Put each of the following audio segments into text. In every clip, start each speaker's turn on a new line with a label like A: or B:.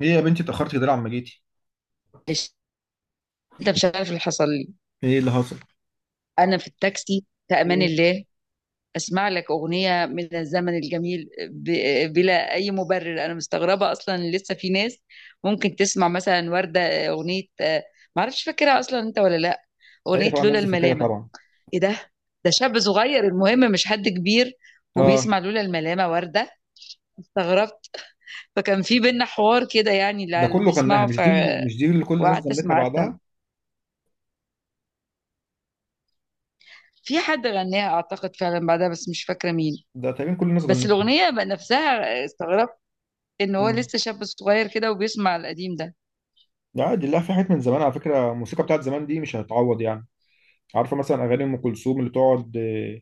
A: ايه يا بنتي اتأخرت كده ليه عما جيتي؟
B: معلش. انت مش عارف اللي حصل لي.
A: ايه اللي حصل؟
B: انا في التاكسي في امان
A: ايه
B: الله اسمع لك اغنيه من الزمن الجميل بلا اي مبرر. انا مستغربه اصلا إن لسه في ناس ممكن تسمع مثلا ورده اغنيه معرفش فاكرها اصلا انت ولا لا،
A: ايوه
B: اغنيه
A: طبعا
B: لولا
A: الناس دي فاكرها
B: الملامه.
A: طبعا.
B: ايه ده؟ ده شاب صغير المهم، مش حد كبير
A: اه
B: وبيسمع لولا الملامه ورده. استغربت، فكان في بينا حوار كده يعني، اللي
A: ده
B: اللي
A: كله غناها.
B: بيسمعوا.
A: مش دي اللي كل الناس
B: وقعدت
A: غنتها
B: اسمع.
A: بعدها؟
B: في حد غناها اعتقد فعلا بعدها، بس مش فاكره مين.
A: ده تقريبا كل الناس
B: بس
A: غنتها.
B: الأغنية بقى نفسها استغربت إن هو
A: امم
B: لسه شاب صغير كده وبيسمع القديم ده.
A: لا عادي، لا في حاجات من زمان. على فكرة الموسيقى بتاعت زمان دي مش هتعوض يعني. عارفة مثلا أغاني أم كلثوم اللي تقعد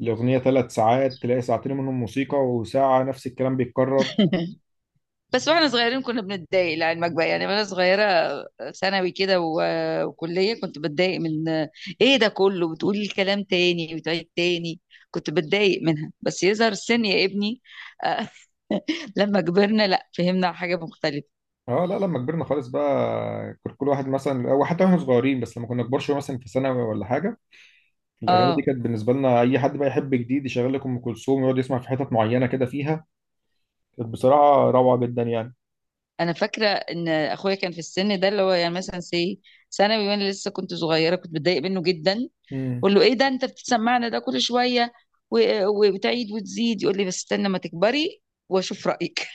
A: الأغنية ثلاث ساعات، تلاقي ساعتين منهم موسيقى وساعة نفس الكلام بيتكرر.
B: بس واحنا صغيرين كنا بنتضايق لعلمك بقى يعني. وانا صغيرة، ثانوي كده وكلية كنت بتضايق من ايه ده كله، بتقول الكلام تاني، بتعيد تاني. كنت بتضايق منها، بس يظهر السن يا ابني. آه، لما كبرنا لا، فهمنا حاجة مختلفة.
A: اه لا، لما كبرنا خالص بقى كل واحد مثلا، أو حتى واحنا صغيرين بس لما كنا كبار شوية مثلا في ثانوي ولا حاجة، الاغاني دي
B: اه.
A: كانت بالنسبه لنا اي حد بقى يحب جديد يشغل لك ام كلثوم ويقعد يسمع في حتت معينه كده فيها. كانت بصراحه روعه جدا يعني.
B: انا فاكرة ان اخويا كان في السن ده اللي هو يعني مثلا سي، ثانوي، وانا لسه كنت صغيرة كنت بتضايق منه جدا.
A: امم،
B: اقول له ايه ده انت بتسمعنا ده كل شويه وبتعيد وتزيد، يقول لي بس استنى ما تكبري واشوف رايك.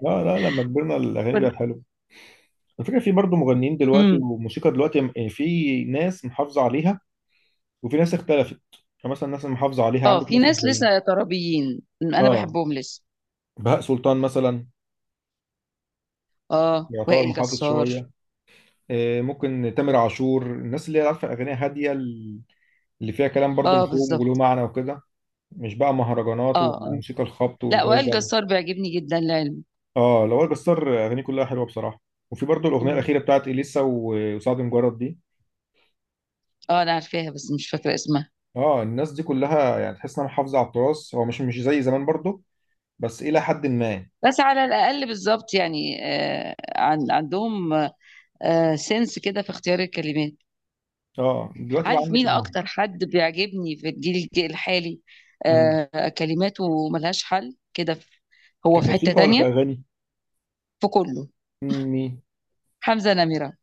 A: لا لما كبرنا الاغاني دي بقت حلوه. الفكره في برضه مغنيين دلوقتي
B: امم.
A: وموسيقى دلوقتي، يعني في ناس محافظه عليها وفي ناس اختلفت. فمثلا الناس المحافظه عليها
B: اه،
A: عندك
B: في
A: مثلا
B: ناس
A: زي،
B: لسه ترابيين انا
A: اه،
B: بحبهم لسه.
A: بهاء سلطان مثلا،
B: اه،
A: يعتبر
B: وائل
A: محافظ
B: جسار.
A: شويه. ممكن تامر عاشور، الناس اللي هي عارفه اغاني هاديه اللي فيها كلام برضه
B: اه
A: مفهوم وله
B: بالظبط.
A: معنى وكده. مش بقى مهرجانات
B: اه اه.
A: والموسيقى الخبط
B: لا، وائل
A: والرزع.
B: جسار بيعجبني جدا لعلم.
A: اه، لوائل جسار اغانيه كلها حلوه بصراحه. وفي برضه الاغنيه
B: مم.
A: الاخيره بتاعت اليسا وسعد مجرد دي.
B: اه، انا عارفاها بس مش فاكره اسمها.
A: اه الناس دي كلها يعني تحس انها محافظه على التراث. هو مش مش زي زمان برضه بس الى حد ما.
B: بس على الاقل بالظبط يعني، آه، عن عندهم، آه، سنس كده في اختيار الكلمات.
A: اه دلوقتي بقى
B: عارف
A: عندك
B: مين اكتر حد بيعجبني في الجيل الحالي؟
A: مم.
B: آه، كلماته ملهاش حل كده هو في حتة
A: كموسيقى ولا
B: تانية.
A: كاغاني؟
B: في كله.
A: مم، مين؟
B: حمزة نمرة.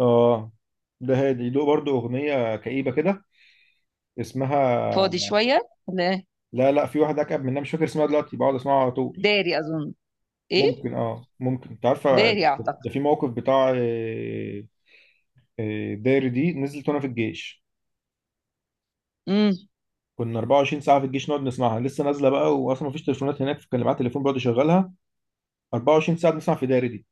A: اه ده هادي، له برضه اغنيه كئيبه كده
B: فاضي
A: اسمها،
B: شوية، ولا إيه؟
A: لا لا، في واحد اكئب منها مش فاكر اسمها دلوقتي، بقعد اسمعها على طول.
B: داري اظن. ايه،
A: ممكن، اه ممكن انت عارفه.
B: داري اعتقد.
A: ده في موقف بتاع داري دي نزلت وانا في الجيش.
B: امم.
A: كنا 24 ساعه في الجيش نقعد نسمعها لسه نازله بقى، واصلا مفيش تليفونات هناك فكان معايا تليفون بقعد يشغلها، 24 ساعه بنسمع في داري دي.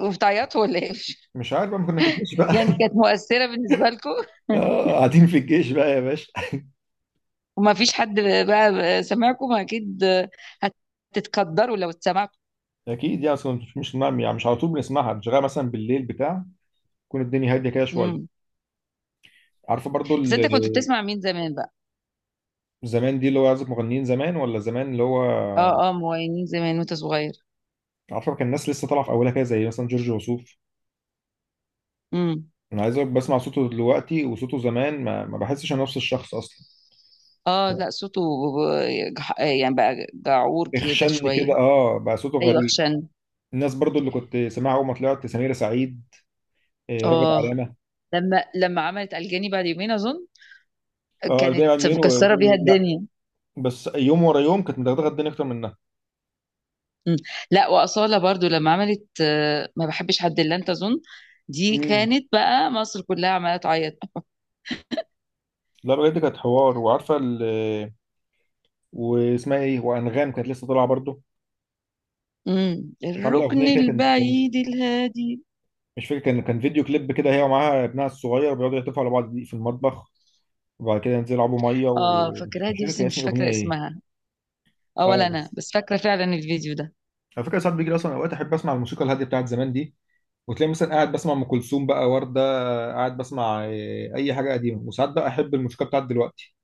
B: وبتعيطوا ولا ايه؟
A: مش عارف بقى، ما كنا في الجيش بقى.
B: يعني كانت مؤثرة بالنسبة لكم.
A: اه قاعدين في الجيش بقى يا باشا.
B: وما فيش حد بقى سمعكم اكيد، هتتقدروا لو اتسمعتوا.
A: اكيد يعني، اصلا مش مش يعني مش على طول بنسمعها، بنشغلها مثلا بالليل بتاع، تكون الدنيا هاديه كده شويه.
B: امم.
A: عارفه برضو
B: بس انت كنت بتسمع مين زمان بقى؟
A: زمان دي اللي هو عازف مغنيين زمان، ولا زمان اللي هو،
B: اه اه، مغنيين زمان وانت صغير.
A: عارفه كان الناس لسه طالعه في اولها كده زي مثلا جورج وسوف.
B: امم.
A: انا عايز أقولك بسمع صوته دلوقتي وصوته زمان ما بحسش انا نفس الشخص اصلا.
B: اه لا، صوته، يعني بقى جعور كده
A: اخشن كده،
B: شوية.
A: اه بقى صوته
B: ايوه،
A: غريب.
B: خشن.
A: الناس برضو اللي كنت سامعها اول ما طلعت سميرة سعيد، راغب
B: اه،
A: علامة.
B: لما عملت الجاني بعد يومين اظن
A: اه الباقي
B: كانت
A: عالمين
B: مكسرة بيها
A: ولا.
B: الدنيا.
A: بس يوم ورا يوم كانت مدغدغة الدنيا اكتر منها.
B: مم. لا، وأصالة برضو لما عملت ما بحبش حد الا انت اظن، دي
A: امم،
B: كانت بقى مصر كلها عمالة تعيط.
A: لا بجد كانت حوار. وعارفة واسمها ايه، وانغام كانت لسه طالعة برضو.
B: مم.
A: كانت عاملة
B: الركن
A: اغنية كده
B: البعيد الهادي.
A: مش فاكر، كان فيديو كليب كده هي ومعاها ابنها الصغير بيقعدوا يحتفلوا على بعض في المطبخ، وبعد كده ينزلوا يلعبوا ميه،
B: اه،
A: ومش
B: فاكراها
A: مش
B: دي
A: فاكر
B: بس
A: كان اسم
B: مش
A: الاغنيه
B: فاكرة
A: ايه.
B: اسمها. اه
A: اه
B: ولا انا،
A: بس،
B: بس فاكرة فعلا الفيديو ده.
A: على فكره ساعات بيجي لي اصلا اوقات احب اسمع الموسيقى الهاديه بتاعت زمان دي، وتلاقي مثلا قاعد بسمع ام كلثوم بقى، ورده، قاعد بسمع اي حاجه قديمه. وساعات بقى احب الموسيقى بتاعت دلوقتي،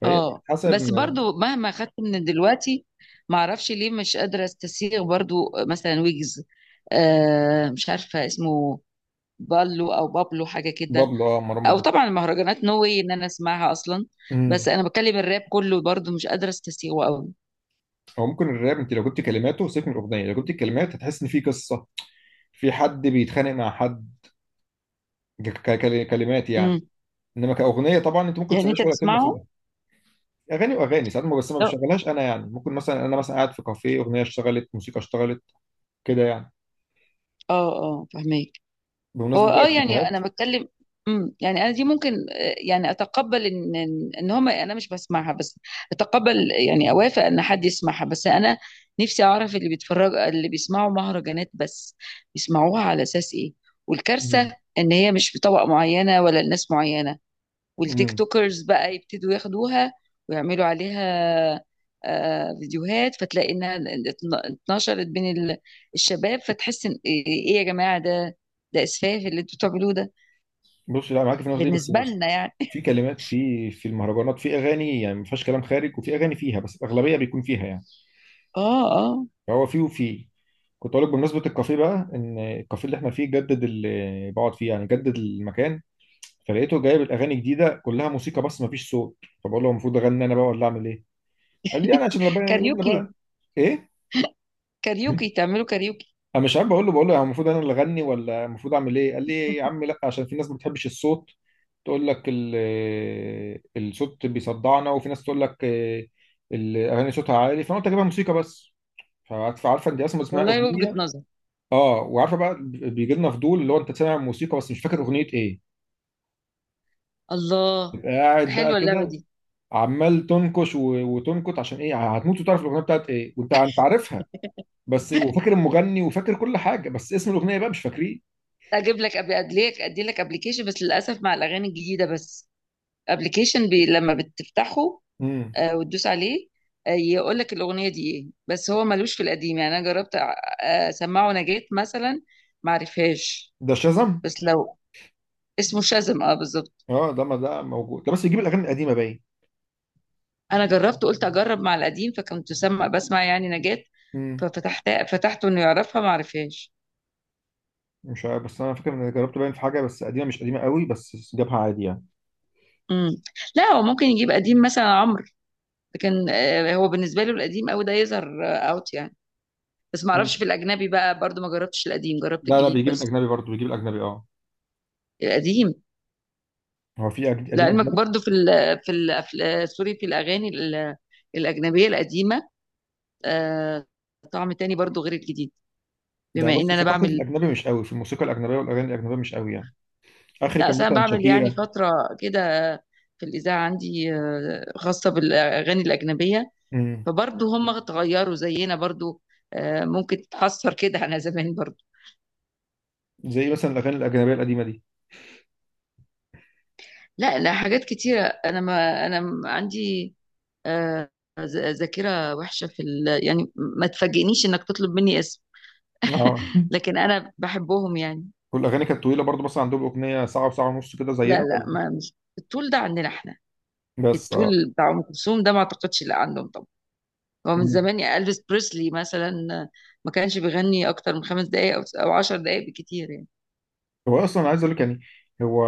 A: فهي
B: اه
A: حسب
B: بس برضو مهما خدت من دلوقتي، ما اعرفش ليه مش قادره استسيغ برضو. مثلا ويجز، آه مش عارفه اسمه، بالو او بابلو حاجه كده.
A: بابلو، اه مروان
B: او
A: بابلو.
B: طبعا المهرجانات، نو واي ان انا اسمعها اصلا. بس
A: امم،
B: انا بتكلم الراب كله برضو مش قادره استسيغه قوي.
A: او ممكن الراب، انت لو جبت كلماته سيبك من الاغنيه، لو جبت الكلمات هتحس ان في قصه، في حد بيتخانق مع حد، كلمات يعني.
B: امم.
A: انما كاغنيه طبعا انت ممكن
B: يعني انت
A: تسمعش ولا كلمه في
B: بتسمعه؟
A: الأغنية. اغاني واغاني ساعات ما، بس ما
B: لا.
A: بشغلهاش انا يعني. ممكن مثلا انا، مثلا قاعد في كافيه، اغنيه اشتغلت، موسيقى اشتغلت كده يعني.
B: اه اه، فهمك. هو
A: بمناسبه بقى
B: اه يعني
A: الكافيهات،
B: انا بتكلم. امم، يعني انا دي ممكن، يعني اتقبل ان إن هما، انا مش بسمعها بس اتقبل. يعني اوافق ان حد يسمعها، بس انا نفسي اعرف اللي بيتفرج، اللي بيسمعوا مهرجانات بس، بيسمعوها على اساس ايه. والكارثه
A: امم،
B: ان هي مش بطبقه معينه ولا لناس معينه، والتيك
A: أمم.
B: توكرز بقى يبتدوا ياخدوها ويعملوا عليها فيديوهات. فتلاقي انها اتنشرت بين الشباب، فتحس ان ايه، إيه يا جماعه ده؟ ده اسفاف اللي انتوا بتعملوه ده
A: بص، لا معاك في النقطه دي، بس
B: بالنسبه لنا يعني.
A: في كلمات، في المهرجانات في اغاني يعني ما فيهاش كلام خارج، وفي اغاني فيها، بس الاغلبيه بيكون فيها يعني.
B: اه اه.
A: فهو في وفي، كنت اقول لك بمناسبه الكافيه بقى، ان الكافيه اللي احنا فيه جدد، اللي بقعد فيه يعني جدد المكان، فلقيته جايب الاغاني جديده كلها موسيقى بس ما فيش صوت. فبقول له المفروض اغني انا بقى ولا اعمل ايه؟ قال لي يعني عشان ربنا يقول لنا
B: كاريوكي.
A: بقى ايه؟
B: كاريوكي، تعملوا كاريوكي.
A: انا مش عارف، بقول له يعني المفروض انا اللي اغني ولا المفروض اعمل ايه؟ قال لي يا عم لا، عشان في ناس ما بتحبش الصوت، تقول لك الصوت بيصدعنا، وفي ناس تقول لك، الاغاني صوتها عالي، فانا قلت اجيبها موسيقى بس. فعارفه انت اصلا اسمها
B: والله وجهه
A: اغنيه.
B: نظر.
A: اه، وعارفه بقى، بيجي لنا فضول اللي هو انت سامع موسيقى بس مش فاكر اغنيه ايه،
B: الله،
A: تبقى قاعد بقى
B: حلوه اللعبه
A: كده
B: دي.
A: عمال تنكش وتنكت عشان ايه، هتموت وتعرف الاغنيه بتاعت ايه، وانت عارفها بس، وفاكر المغني وفاكر كل حاجه بس اسم الاغنيه بقى مش فاكريه.
B: ادي لك ابلكيشن، بس للاسف مع الاغاني الجديده بس. ابلكيشن بي لما بتفتحه
A: امم،
B: وتدوس عليه، يقول لك الاغنيه دي ايه. بس هو ملوش في القديم يعني. انا جربت اسمعه نجاة مثلا، ما عرفهاش.
A: ده شازم.
B: بس لو، اسمه شازم، اه بالظبط.
A: اه ده، ما ده موجود ده بس يجيب الاغاني القديمه باين.
B: انا جربت، قلت اجرب مع القديم، فكنت سمع بسمع يعني نجاة،
A: امم،
B: ففتحت فتحته انه يعرفها ما عرفهاش.
A: مش عارف بس انا فاكر ان أنا جربت باين في حاجه، بس قديمه مش قديمه قوي بس جابها عادي يعني.
B: امم. لا هو ممكن يجيب قديم مثلا عمرو، لكن هو بالنسبه له القديم قوي ده يظهر اوت يعني. بس ما اعرفش
A: ممكن،
B: في الاجنبي بقى برضو، ما جربتش القديم، جربت
A: لا
B: الجديد
A: بيجيب
B: بس.
A: الاجنبي برضه، بيجيب الاجنبي اه.
B: القديم
A: هو في قديم
B: لعلمك
A: اجنبي.
B: برضو في ال، في الأفلام، سوري، في الأغاني الأجنبية القديمة، آه، طعم تاني برضو غير الجديد.
A: ده
B: بما إن
A: بص،
B: أنا
A: ثقافتي في
B: بعمل،
A: الاجنبي مش قوي، في الموسيقى الاجنبيه والاغاني الاجنبيه مش قوي يعني. اخري
B: لا
A: كان
B: أصل أنا
A: مثلا
B: بعمل يعني
A: شاكيرا.
B: فترة كده في الإذاعة عندي، خاصة بالأغاني الأجنبية،
A: امم،
B: فبرضو هم اتغيروا زينا برضو. ممكن تتحسر كده على زمان برضو.
A: زي مثلا الاغاني الاجنبيه القديمه دي.
B: لا لا، حاجات كتيرة. أنا ما أنا عندي آه، ذاكرة وحشة في يعني ما تفاجئنيش إنك تطلب مني اسم،
A: اه.
B: لكن أنا بحبهم يعني.
A: والاغاني كانت طويله برضه مثلا، عندهم اغنيه ساعه وساعه ونص كده
B: لا
A: زينا؟
B: لا، ما مش الطول ده عندنا احنا.
A: بس اه.
B: الطول بتاع ام كلثوم ده ما اعتقدش لا عندهم طبعا. هو من
A: مم.
B: زمان، يا الفيس بريسلي مثلا ما كانش بيغني اكتر من 5 دقائق او او 10 دقائق بكتير يعني.
A: هو اصلا عايز اقول لك يعني، هو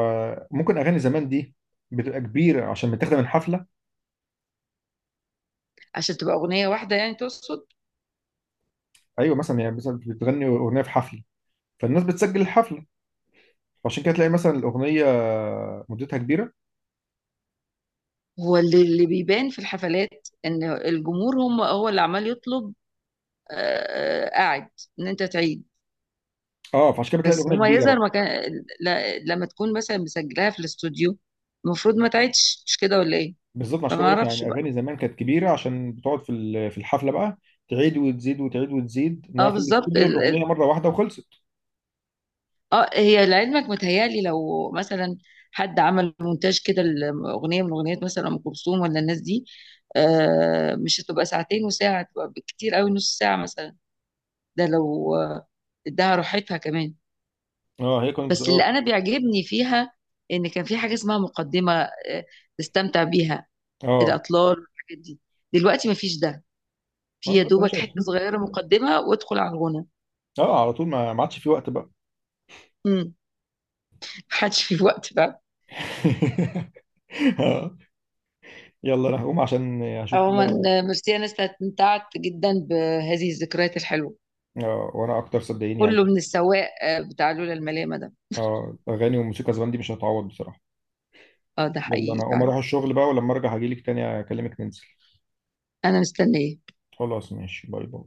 A: ممكن اغاني زمان دي بتبقى كبيره عشان متاخده من حفله.
B: عشان تبقى اغنيه واحده يعني، تقصد؟
A: ايوه مثلا يعني، مثلا بتغني اغنيه في حفله، فالناس بتسجل الحفله، فعشان كده تلاقي مثلا الاغنيه مدتها كبيره.
B: هو اللي بيبان في الحفلات ان الجمهور هم هو اللي عمال يطلب قاعد ان انت تعيد.
A: اه فعشان كده بتلاقي
B: بس
A: الاغنيه
B: هما
A: كبيره
B: يظهر
A: بقى.
B: مكان، لما تكون مثلا مسجلاها في الاستوديو المفروض ما تعيدش، مش كده ولا ايه؟
A: بالظبط، عشان
B: فما
A: كده بقول لك
B: اعرفش
A: يعني
B: بقى.
A: اغاني زمان كانت كبيره عشان بتقعد في في الحفله بقى تعيد وتزيد وتعيد وتزيد،
B: اه
A: انها في
B: بالظبط.
A: الاستوديو الاغنيه مره واحده وخلصت.
B: اه، هي لعلمك متهيألي لو مثلا حد عمل مونتاج كده الأغنية من أغنيات مثلا أم كلثوم ولا الناس دي، آه مش هتبقى ساعتين وساعة، هتبقى بالكتير قوي نص ساعة مثلا. ده لو اداها راحتها كمان.
A: اه هي كانت
B: بس اللي
A: بتقول
B: أنا بيعجبني فيها إن كان في حاجة اسمها مقدمة، آه، تستمتع بيها،
A: اه.
B: الأطلال والحاجات دي. دلوقتي مفيش ده،
A: ما
B: في يا
A: دلوقتي
B: دوبك
A: يا
B: حتة
A: باشا.
B: صغيرة مقدمة وادخل على الغنى.
A: اه على طول، ما ما عادش في وقت بقى.
B: مم. محدش في وقت.
A: آه. يلا انا هقوم عشان اشوف
B: عموما
A: كده.
B: ميرسي، انا استمتعت جدا بهذه الذكريات الحلوه.
A: اه وانا اكتر صدقيني يعني.
B: كله من السواق بتاع لولا الملامه ده.
A: اه اغاني وموسيقى زمان دي مش هتعوض بصراحه.
B: اه ده
A: يلا
B: حقيقي
A: انا اقوم
B: فعلا.
A: اروح الشغل بقى، ولما ارجع هجيلك تاني اكلمك ننزل.
B: انا مستنيه.
A: خلاص ماشي، باي باي.